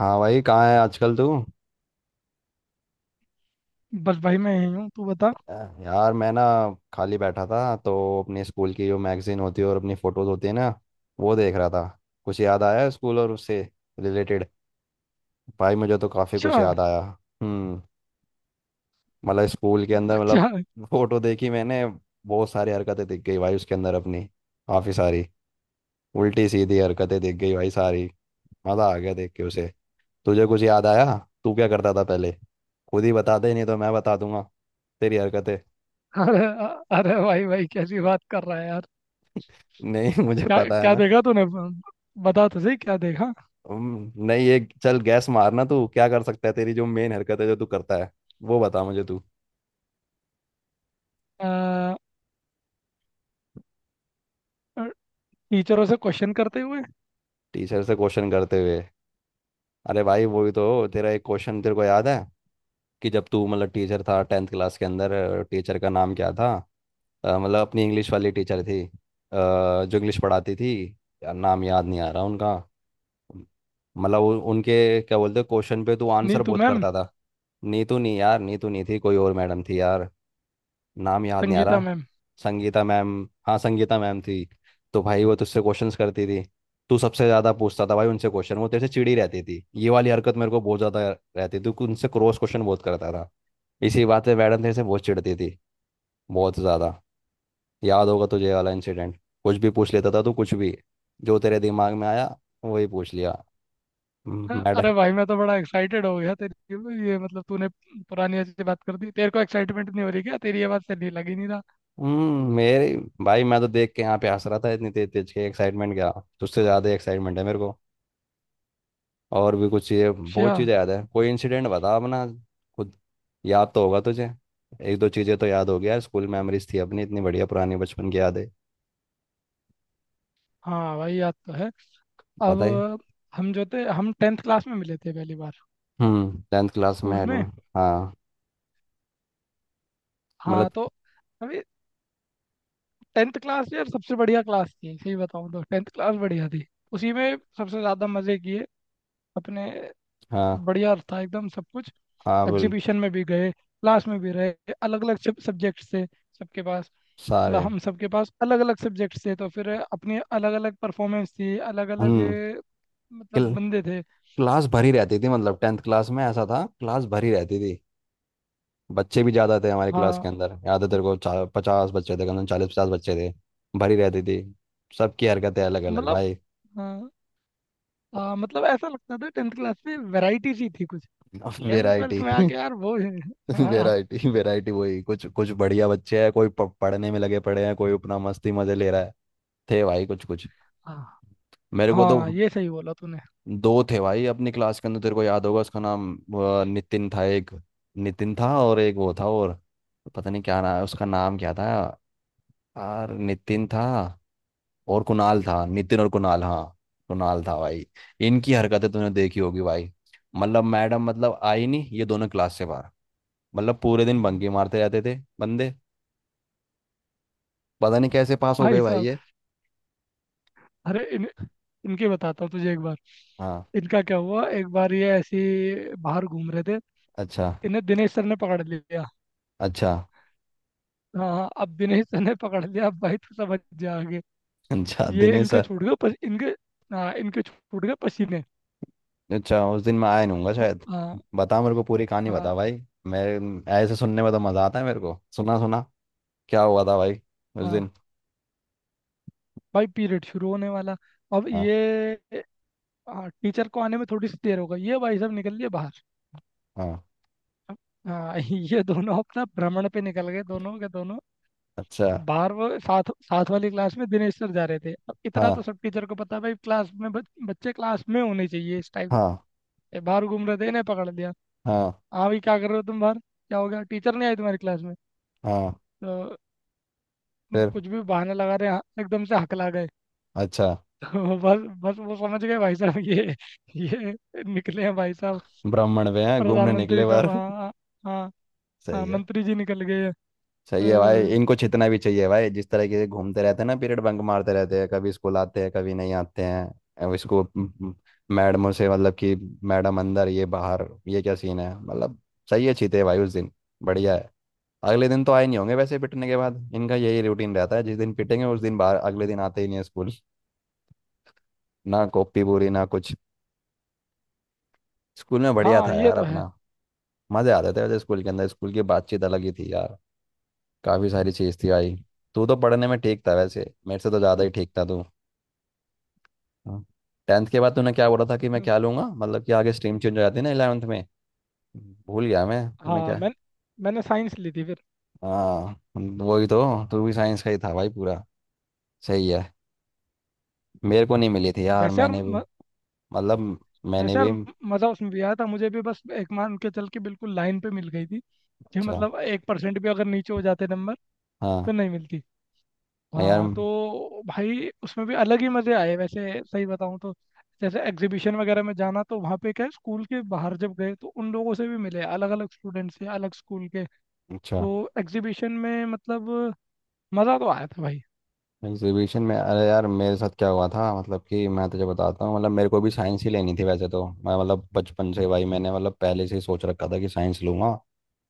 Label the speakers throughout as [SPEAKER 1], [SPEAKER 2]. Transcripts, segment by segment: [SPEAKER 1] हाँ भाई, कहाँ है आजकल तू।
[SPEAKER 2] बस भाई, मैं यही हूँ। तू बता।
[SPEAKER 1] अ, यार मैं ना खाली बैठा था तो अपने स्कूल की जो मैगजीन होती है और अपनी फ़ोटोज़ होती है ना, वो देख रहा था। कुछ याद आया स्कूल और उससे रिलेटेड। भाई मुझे तो काफ़ी कुछ
[SPEAKER 2] अच्छा।
[SPEAKER 1] याद आया। हम्म। मतलब स्कूल के अंदर,
[SPEAKER 2] अच्छा।
[SPEAKER 1] मतलब फ़ोटो देखी मैंने। बहुत सारी हरकतें दिख गई भाई उसके अंदर अपनी, काफ़ी सारी उल्टी सीधी हरकतें दिख गई भाई सारी। मज़ा आ गया देख के उसे। तुझे कुछ याद आया? तू क्या करता था पहले? खुद ही बता दे, नहीं तो मैं बता दूंगा तेरी हरकतें।
[SPEAKER 2] अरे अरे भाई भाई, कैसी बात कर रहा है यार?
[SPEAKER 1] नहीं मुझे
[SPEAKER 2] क्या
[SPEAKER 1] पता है
[SPEAKER 2] क्या
[SPEAKER 1] ना।
[SPEAKER 2] देखा तूने? बता तो सही, क्या देखा?
[SPEAKER 1] नहीं, ये चल गैस मारना, तू क्या कर सकता है, तेरी जो मेन हरकत है जो तू करता है वो बता मुझे तू।
[SPEAKER 2] अ, टीचरों से क्वेश्चन करते हुए।
[SPEAKER 1] टीचर से क्वेश्चन करते हुए। अरे भाई, वही तो। तेरा एक क्वेश्चन तेरे को याद है कि जब तू मतलब टीचर था टेंथ क्लास के अंदर, टीचर का नाम क्या था? मतलब अपनी इंग्लिश वाली टीचर थी, जो इंग्लिश पढ़ाती थी। यार नाम याद नहीं आ रहा उनका। मतलब उनके क्या बोलते, क्वेश्चन पे तू आंसर
[SPEAKER 2] नीतू
[SPEAKER 1] बहुत
[SPEAKER 2] मैम।
[SPEAKER 1] करता था। नीतू नहीं यार, नीतू नहीं थी, कोई और मैडम थी यार। नाम याद नहीं आ
[SPEAKER 2] संगीता
[SPEAKER 1] रहा।
[SPEAKER 2] मैम।
[SPEAKER 1] संगीता मैम, हाँ संगीता मैम थी। तो भाई वो तुझसे क्वेश्चंस करती थी, तू सबसे ज़्यादा पूछता था भाई उनसे क्वेश्चन, वो तेरे से चिड़ी रहती थी, ये वाली हरकत मेरे को बहुत ज़्यादा रहती थी। तू उनसे क्रॉस क्वेश्चन बहुत करता था। इसी बात से मैडम तेरे से बहुत चिढ़ती थी, बहुत ज़्यादा। याद होगा तुझे ये वाला इंसिडेंट। कुछ भी पूछ लेता था तू, कुछ भी जो तेरे दिमाग में आया वही पूछ लिया।
[SPEAKER 2] अरे
[SPEAKER 1] मैडम।
[SPEAKER 2] भाई, मैं तो बड़ा एक्साइटेड हो गया। तेरी ये मतलब तूने पुरानी अच्छी बात कर दी। तेरे को एक्साइटमेंट नहीं हो रही क्या? तेरी ये बात से नहीं लगी, नहीं रहा।
[SPEAKER 1] मेरे भाई मैं तो देख के यहाँ पे हंस रहा था, इतनी तेज तेज के एक्साइटमेंट क्या। तुझसे ज़्यादा एक्साइटमेंट है मेरे को। और भी कुछ चीज़ें,
[SPEAKER 2] अच्छा।
[SPEAKER 1] बहुत चीज़ें याद है, कोई इंसिडेंट बता अपना खुद। याद तो होगा तुझे, एक दो चीज़ें तो याद होगी यार, स्कूल मेमोरीज थी अपनी इतनी बढ़िया, पुरानी बचपन की यादें।
[SPEAKER 2] हाँ भाई, याद तो है। अब।
[SPEAKER 1] बताइए।
[SPEAKER 2] हम जो थे, हम टेंथ क्लास में मिले थे पहली बार।
[SPEAKER 1] टेंथ क्लास में
[SPEAKER 2] स्कूल में।
[SPEAKER 1] एडमिट, हाँ। मतलब।
[SPEAKER 2] हाँ तो। अभी। टेंथ क्लास यार सबसे बढ़िया क्लास थी, सही बताऊँ तो टेंथ क्लास बढ़िया थी। उसी में सबसे ज़्यादा मज़े किए अपने।
[SPEAKER 1] हाँ।
[SPEAKER 2] बढ़िया था एकदम सब कुछ।
[SPEAKER 1] हाँ, बिल्कुल।
[SPEAKER 2] एग्जीबिशन में भी गए, क्लास में भी रहे। अलग अलग सब्जेक्ट से सबके पास। मतलब
[SPEAKER 1] सारे।
[SPEAKER 2] हम सबके पास अलग अलग सब्जेक्ट से, तो फिर अपनी अलग अलग परफॉर्मेंस थी, अलग अलग।
[SPEAKER 1] हम्म।
[SPEAKER 2] मतलब
[SPEAKER 1] क्ल,
[SPEAKER 2] बंदे थे।
[SPEAKER 1] क्लास भरी रहती थी, मतलब टेंथ क्लास में ऐसा था, क्लास भरी रहती थी। बच्चे भी ज़्यादा थे हमारी क्लास
[SPEAKER 2] हाँ।
[SPEAKER 1] के अंदर, याद है तेरे को, पचास बच्चे थे, कम से कम चालीस पचास बच्चे थे, भरी रहती थी। सबकी हरकतें अलग अलग
[SPEAKER 2] मतलब।
[SPEAKER 1] भाई।
[SPEAKER 2] हाँ हाँ, मतलब ऐसा लगता था टेंथ क्लास में वैरायटी सी थी कुछ। इलेवन
[SPEAKER 1] वैरायटी
[SPEAKER 2] ट्वेल्थ में आके यार वो हाँ।
[SPEAKER 1] वैरायटी वैरायटी, वही कुछ कुछ बढ़िया बच्चे हैं, कोई पढ़ने में लगे पड़े हैं, कोई अपना मस्ती मजे ले रहा है। थे भाई कुछ कुछ।
[SPEAKER 2] हाँ।
[SPEAKER 1] मेरे को तो
[SPEAKER 2] हाँ, ये सही बोला तूने।
[SPEAKER 1] दो थे भाई अपनी क्लास के अंदर, तेरे को याद होगा उसका नाम, नितिन था एक। नितिन था और एक वो था, और पता नहीं क्या नाम, उसका नाम क्या था यार। नितिन था और कुणाल था, नितिन और कुणाल, हाँ। कुणाल था भाई। इनकी हरकतें तूने देखी होगी भाई। मतलब मैडम मतलब आई नहीं ये दोनों क्लास से बाहर, मतलब पूरे दिन बंकी मारते रहते थे बंदे, पता नहीं कैसे पास हो
[SPEAKER 2] भाई
[SPEAKER 1] गए भाई
[SPEAKER 2] साहब।
[SPEAKER 1] ये।
[SPEAKER 2] अरे इन इनकी बताता हूँ तुझे एक बार।
[SPEAKER 1] हाँ।
[SPEAKER 2] इनका क्या हुआ एक बार, ये ऐसी। बाहर घूम रहे थे।
[SPEAKER 1] अच्छा।
[SPEAKER 2] इन्हें दिनेश सर ने पकड़ लिया।
[SPEAKER 1] अच्छा।
[SPEAKER 2] हाँ, अब दिनेश सर ने पकड़ लिया, अब भाई तू समझ जा आगे।
[SPEAKER 1] अच्छा
[SPEAKER 2] ये
[SPEAKER 1] दिनेश
[SPEAKER 2] इनके
[SPEAKER 1] सर।
[SPEAKER 2] छूट गए इनके। हाँ, इनके छूट गए पसीने।
[SPEAKER 1] अच्छा उस दिन मैं आया नहीं हूँगा
[SPEAKER 2] तो,
[SPEAKER 1] शायद।
[SPEAKER 2] हाँ।
[SPEAKER 1] बता मेरे को पूरी कहानी
[SPEAKER 2] हाँ।
[SPEAKER 1] बता भाई। मैं ऐसे सुनने में तो मज़ा आता है मेरे को, सुना सुना क्या हुआ था भाई उस
[SPEAKER 2] हाँ
[SPEAKER 1] दिन।
[SPEAKER 2] भाई, पीरियड शुरू होने वाला। अब
[SPEAKER 1] हाँ।
[SPEAKER 2] ये। हाँ, टीचर को आने में थोड़ी सी देर हो गई, ये भाई साहब निकल लिए बाहर।
[SPEAKER 1] हाँ।
[SPEAKER 2] हाँ ये दोनों अपना भ्रमण पे निकल गए, दोनों के दोनों।
[SPEAKER 1] अच्छा।
[SPEAKER 2] बारहवीं साथ साथ वाली क्लास में दिनेश सर जा रहे थे। अब इतना तो
[SPEAKER 1] हाँ।
[SPEAKER 2] सब टीचर को पता है भाई, क्लास में बच्चे क्लास में होने चाहिए इस टाइम।
[SPEAKER 1] हाँ।
[SPEAKER 2] बाहर घूम रहे थे, इन्हें पकड़ लिया।
[SPEAKER 1] हाँ।
[SPEAKER 2] हाँ भाई, क्या कर रहे हो तुम बाहर? क्या हो गया, टीचर नहीं आई तुम्हारी क्लास में?
[SPEAKER 1] हाँ।
[SPEAKER 2] तो।
[SPEAKER 1] फिर।
[SPEAKER 2] कुछ भी बहाना लगा रहे, हाँ, एकदम से हकला गए।
[SPEAKER 1] अच्छा।
[SPEAKER 2] तो बस बस, वो समझ गए भाई साहब, ये। ये। निकले हैं भाई साहब।
[SPEAKER 1] ब्राह्मण वे हैं, घूमने निकले
[SPEAKER 2] प्रधानमंत्री साहब,
[SPEAKER 1] बाहर।
[SPEAKER 2] हाँ हाँ। हाँ। हाँ,
[SPEAKER 1] सही है।
[SPEAKER 2] मंत्री जी निकल गए हैं।
[SPEAKER 1] सही है भाई,
[SPEAKER 2] तो,
[SPEAKER 1] इनको छितना भी चाहिए भाई, जिस तरह के घूमते रहते हैं ना, पीरियड बंक मारते रहते हैं, कभी स्कूल आते हैं कभी नहीं आते हैं। अब इसको मैडमों से मतलब कि मैडम अंदर ये बाहर, ये क्या सीन है मतलब। सही है चीते भाई उस दिन। बढ़िया है। अगले दिन तो आए नहीं होंगे वैसे पिटने के बाद, इनका यही रूटीन रहता है, जिस दिन पिटेंगे उस दिन बाहर, अगले दिन आते ही नहीं है स्कूल, ना कॉपी पूरी ना कुछ। स्कूल में बढ़िया
[SPEAKER 2] हाँ।
[SPEAKER 1] था
[SPEAKER 2] ये
[SPEAKER 1] यार
[SPEAKER 2] तो
[SPEAKER 1] अपना,
[SPEAKER 2] है।
[SPEAKER 1] मजे आते थे वैसे स्कूल के अंदर, स्कूल की बातचीत अलग ही थी यार। काफी सारी चीज थी भाई। तू तो पढ़ने में ठीक था वैसे, मेरे से तो ज्यादा ही ठीक था तू। हाँ। टेंथ के बाद तूने क्या बोला था कि मैं क्या लूंगा, मतलब कि आगे स्ट्रीम चेंज हो जाती है ना इलेवेंथ में, भूल गया मैं, तूने
[SPEAKER 2] हाँ।
[SPEAKER 1] क्या।
[SPEAKER 2] मैं। मैंने साइंस ली थी फिर।
[SPEAKER 1] हाँ। वही तो। तू भी साइंस का ही था भाई पूरा। सही है। मेरे को नहीं मिली थी यार,
[SPEAKER 2] वैसे यार
[SPEAKER 1] मैंने भी मतलब मैंने
[SPEAKER 2] वैसे यार
[SPEAKER 1] भी।
[SPEAKER 2] मज़ा उसमें भी आया था मुझे भी, बस एक मान के चल के बिल्कुल लाइन पे मिल गई थी कि
[SPEAKER 1] अच्छा।
[SPEAKER 2] मतलब 1% भी अगर नीचे हो जाते नंबर,
[SPEAKER 1] हाँ
[SPEAKER 2] तो नहीं मिलती।
[SPEAKER 1] यार।
[SPEAKER 2] हाँ तो भाई, उसमें भी अलग ही मज़े आए वैसे, सही बताऊँ तो। जैसे एग्जीबिशन वगैरह में जाना, तो वहाँ पे क्या है, स्कूल के बाहर जब गए तो उन लोगों से भी मिले, अलग अलग स्टूडेंट्स से, अलग स्कूल के।
[SPEAKER 1] अच्छा।
[SPEAKER 2] तो। एग्जीबिशन में मतलब। मज़ा तो आया था भाई।
[SPEAKER 1] एग्जीबिशन में अरे यार मेरे साथ क्या हुआ था, मतलब कि मैं तुझे बताता हूँ, मतलब मेरे को भी साइंस ही लेनी थी वैसे तो, मैं मतलब बचपन से भाई, मैंने मतलब पहले से ही सोच रखा था कि साइंस लूंगा,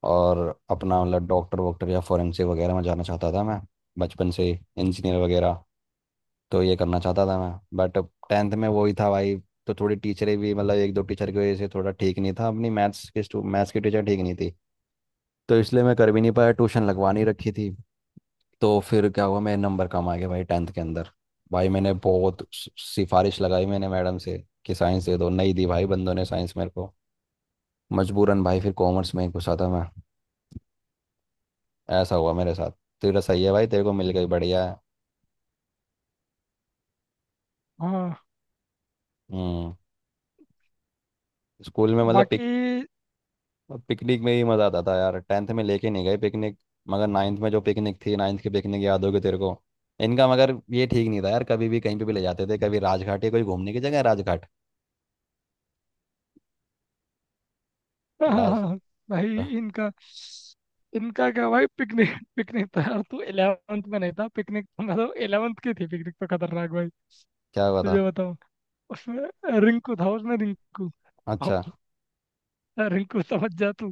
[SPEAKER 1] और अपना मतलब डॉक्टर वॉक्टर या फोरेंसिक वगैरह में जाना चाहता था मैं बचपन से, इंजीनियर वगैरह, तो ये करना चाहता था मैं, बट टेंथ में वही था भाई। तो थोड़ी टीचरें भी मतलब एक दो टीचर की वजह से थोड़ा ठीक नहीं था, अपनी मैथ्स के स्टू मैथ्स की टीचर ठीक नहीं थी, तो इसलिए मैं कर भी नहीं पाया, ट्यूशन लगवा नहीं रखी थी। तो फिर क्या हुआ, मेरे नंबर कम आ गए भाई टेंथ के अंदर। भाई मैंने बहुत सिफारिश लगाई मैंने मैडम से कि साइंस दे दो, नहीं दी भाई बंदों ने साइंस मेरे को, मजबूरन भाई फिर कॉमर्स में ही घुसा था मैं। ऐसा हुआ मेरे साथ। तेरा सही है भाई, तेरे को मिल गई, बढ़िया है।
[SPEAKER 2] हाँ।
[SPEAKER 1] हम्म। स्कूल में मतलब
[SPEAKER 2] बाकी।
[SPEAKER 1] पिकनिक में ही मज़ा आता था यार, टेंथ में लेके नहीं गए पिकनिक, मगर नाइन्थ में जो पिकनिक थी, नाइन्थ की पिकनिक याद होगी तेरे को। इनका मगर ये ठीक नहीं था यार, कभी भी कहीं पे भी ले जाते थे, कभी राजघाट, या कोई घूमने की जगह है राजघाट। राज
[SPEAKER 2] भाई, इनका इनका क्या भाई, पिकनिक। पिकनिक तो यार तू 11th में नहीं था, पिकनिक तो मतलब 11th की थी, पिकनिक तो खतरनाक भाई।
[SPEAKER 1] क्या हुआ था।
[SPEAKER 2] तुझे बताऊं। उसमें रिंकू था, उसमें रिंकू।
[SPEAKER 1] अच्छा।
[SPEAKER 2] अब। रिंकू समझ जा तू।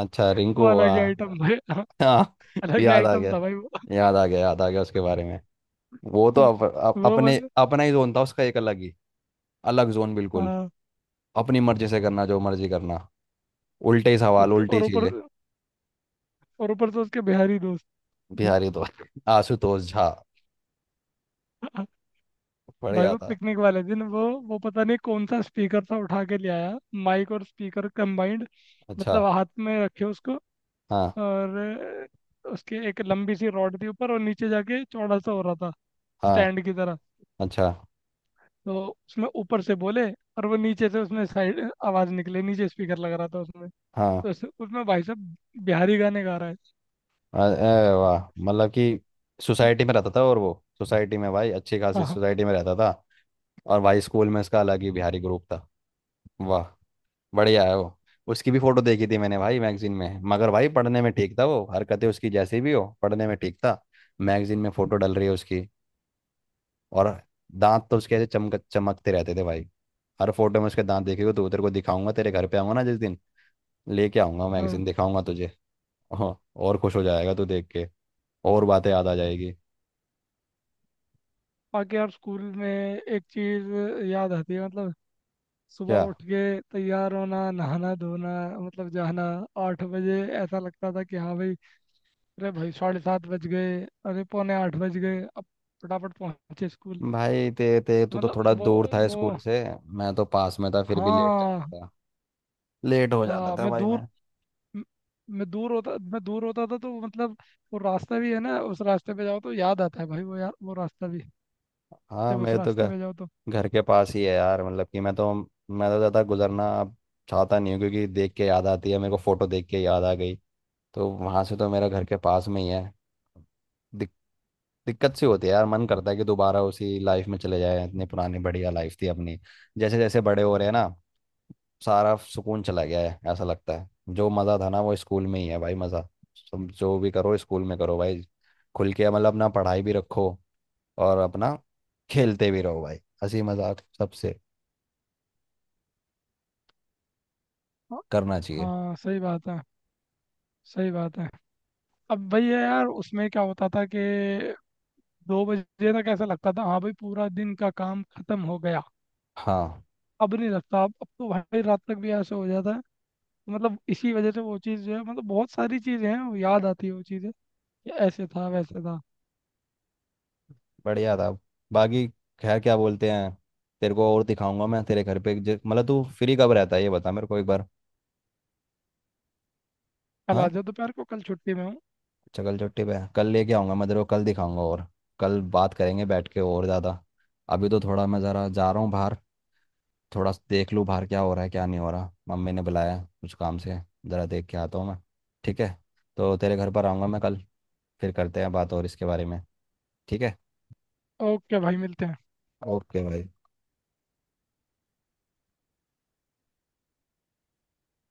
[SPEAKER 1] अच्छा
[SPEAKER 2] वो
[SPEAKER 1] रिंकू।
[SPEAKER 2] अलग ही आइटम भाई।
[SPEAKER 1] हाँ
[SPEAKER 2] अलग ही
[SPEAKER 1] याद आ
[SPEAKER 2] आइटम
[SPEAKER 1] गया,
[SPEAKER 2] था भाई।
[SPEAKER 1] याद आ गया, याद आ गया उसके बारे में। वो तो
[SPEAKER 2] वो।
[SPEAKER 1] अप, अप,
[SPEAKER 2] वो
[SPEAKER 1] अपने,
[SPEAKER 2] बंदा।
[SPEAKER 1] अपना ही जोन था उसका, एक अलग ही, अलग जोन बिल्कुल,
[SPEAKER 2] हाँ।
[SPEAKER 1] अपनी मर्जी से करना जो मर्जी करना, उल्टे सवाल
[SPEAKER 2] उसके
[SPEAKER 1] उल्टी
[SPEAKER 2] और ऊपर।
[SPEAKER 1] चीजें।
[SPEAKER 2] और ऊपर से उसके बिहारी दोस्त।
[SPEAKER 1] बिहारी तो आशुतोष झा,
[SPEAKER 2] भाई,
[SPEAKER 1] बढ़िया
[SPEAKER 2] वो
[SPEAKER 1] था।
[SPEAKER 2] पिकनिक वाले दिन वो पता नहीं कौन सा स्पीकर था, उठा के ले आया। माइक और स्पीकर कंबाइंड।
[SPEAKER 1] अच्छा।
[SPEAKER 2] मतलब हाथ में रखे उसको।
[SPEAKER 1] हाँ।
[SPEAKER 2] और उसके एक लंबी सी रॉड थी, ऊपर और नीचे जाके चौड़ा सा हो रहा था।
[SPEAKER 1] हाँ।
[SPEAKER 2] स्टैंड की तरह।
[SPEAKER 1] अच्छा।
[SPEAKER 2] तो उसमें ऊपर से बोले और वो नीचे से उसमें साइड आवाज निकले, नीचे स्पीकर लग रहा था उसमें। तो
[SPEAKER 1] हाँ।
[SPEAKER 2] उसमें भाई साहब, बिहारी गाने गा रहा है।
[SPEAKER 1] अरे वाह, मतलब कि सोसाइटी में रहता था और वो, सोसाइटी में भाई, अच्छी खासी
[SPEAKER 2] हाँ।
[SPEAKER 1] सोसाइटी में रहता था, और भाई स्कूल में इसका अलग ही बिहारी ग्रुप था, वाह बढ़िया है वो। उसकी भी फोटो देखी थी मैंने भाई मैगजीन में, मगर भाई पढ़ने में ठीक था वो, हरकतें उसकी जैसी भी हो पढ़ने में ठीक था। मैगजीन में फोटो डल रही है उसकी, और दांत तो उसके ऐसे चमक चमकते रहते थे भाई, हर फोटो में उसके दांत। देखेगा तो तेरे को दिखाऊंगा, तेरे घर पे आऊंगा ना जिस दिन, लेके आऊंगा
[SPEAKER 2] हाँ।
[SPEAKER 1] मैगजीन, दिखाऊंगा तुझे। हाँ, और खुश हो जाएगा तू देख के, और बातें याद आ जाएगी।
[SPEAKER 2] बाकी यार, स्कूल में एक चीज याद आती है, मतलब सुबह
[SPEAKER 1] क्या।
[SPEAKER 2] उठ के तैयार होना, नहाना धोना, मतलब जाना। 8 बजे ऐसा लगता था कि हाँ भाई, अरे भाई 7:30 बज गए, अरे 7:45 बज गए अब, फटाफट पहुंचे स्कूल।
[SPEAKER 1] भाई ते ते तू तो
[SPEAKER 2] मतलब
[SPEAKER 1] थोड़ा
[SPEAKER 2] वो
[SPEAKER 1] दूर था
[SPEAKER 2] वो
[SPEAKER 1] स्कूल से, मैं तो पास में था फिर भी लेट जाता
[SPEAKER 2] हाँ
[SPEAKER 1] था, लेट हो जाता
[SPEAKER 2] हाँ।
[SPEAKER 1] था
[SPEAKER 2] मैं
[SPEAKER 1] भाई
[SPEAKER 2] दूर।
[SPEAKER 1] मैं।
[SPEAKER 2] म- मैं दूर होता था तो मतलब वो रास्ता भी है ना, उस रास्ते पे जाओ तो याद आता है भाई वो, यार वो रास्ता भी,
[SPEAKER 1] हाँ।
[SPEAKER 2] जब उस
[SPEAKER 1] मेरे तो
[SPEAKER 2] रास्ते
[SPEAKER 1] घर
[SPEAKER 2] पे जाओ तो।
[SPEAKER 1] घर के पास ही है यार, मतलब कि मैं तो, मैं तो ज़्यादा गुजरना अब चाहता नहीं हूँ क्योंकि देख के याद आती है मेरे को, फोटो देख के याद आ गई। तो वहाँ से तो मेरा घर के पास में ही है। दिक, दिक्कत सी होती है यार, मन करता है कि दोबारा उसी लाइफ में चले जाए, इतनी पुरानी बढ़िया लाइफ थी अपनी, जैसे जैसे बड़े हो रहे हैं ना सारा सुकून चला गया है ऐसा लगता है, जो मज़ा था ना वो स्कूल में ही है भाई मज़ा। तुम जो भी करो स्कूल में करो भाई, खुल के, मतलब अपना पढ़ाई भी रखो और अपना खेलते भी रहो भाई, हंसी मजाक सबसे
[SPEAKER 2] हाँ।
[SPEAKER 1] करना चाहिए।
[SPEAKER 2] हाँ, सही बात है। सही बात है। अब भाई है यार, उसमें क्या होता था कि 2 बजे तक ऐसा लगता था हाँ भाई, पूरा दिन का काम खत्म हो गया।
[SPEAKER 1] हाँ।
[SPEAKER 2] अब नहीं लगता, अब तो भाई रात तक भी ऐसे हो जाता है। तो मतलब इसी वजह से वो चीज़ जो है, मतलब बहुत सारी चीज़ें हैं, वो याद आती है वो चीज़ें, कि ऐसे था, वैसे था।
[SPEAKER 1] बढ़िया था। बाकी खैर क्या बोलते हैं, तेरे को और दिखाऊंगा मैं तेरे घर पे मतलब तू फ्री कब रहता है ये बता मेरे को एक बार।
[SPEAKER 2] कल आ
[SPEAKER 1] हाँ।
[SPEAKER 2] जाओ दोपहर को, कल छुट्टी में हूँ।
[SPEAKER 1] चकल चट्टी पे कल लेके आऊंगा मैं तेरे को, कल दिखाऊंगा, और कल बात करेंगे बैठ के और ज़्यादा। अभी तो थोड़ा मैं ज़रा जा रहा हूँ बाहर, थोड़ा देख लूँ बाहर क्या हो रहा है क्या नहीं हो रहा, मम्मी ने बुलाया है कुछ काम से, ज़रा देख के आता हूँ मैं। ठीक है। तो तेरे घर पर आऊँगा मैं कल, फिर करते हैं बात और इसके बारे में। ठीक है।
[SPEAKER 2] ओके भाई, मिलते हैं।
[SPEAKER 1] ओके भाई।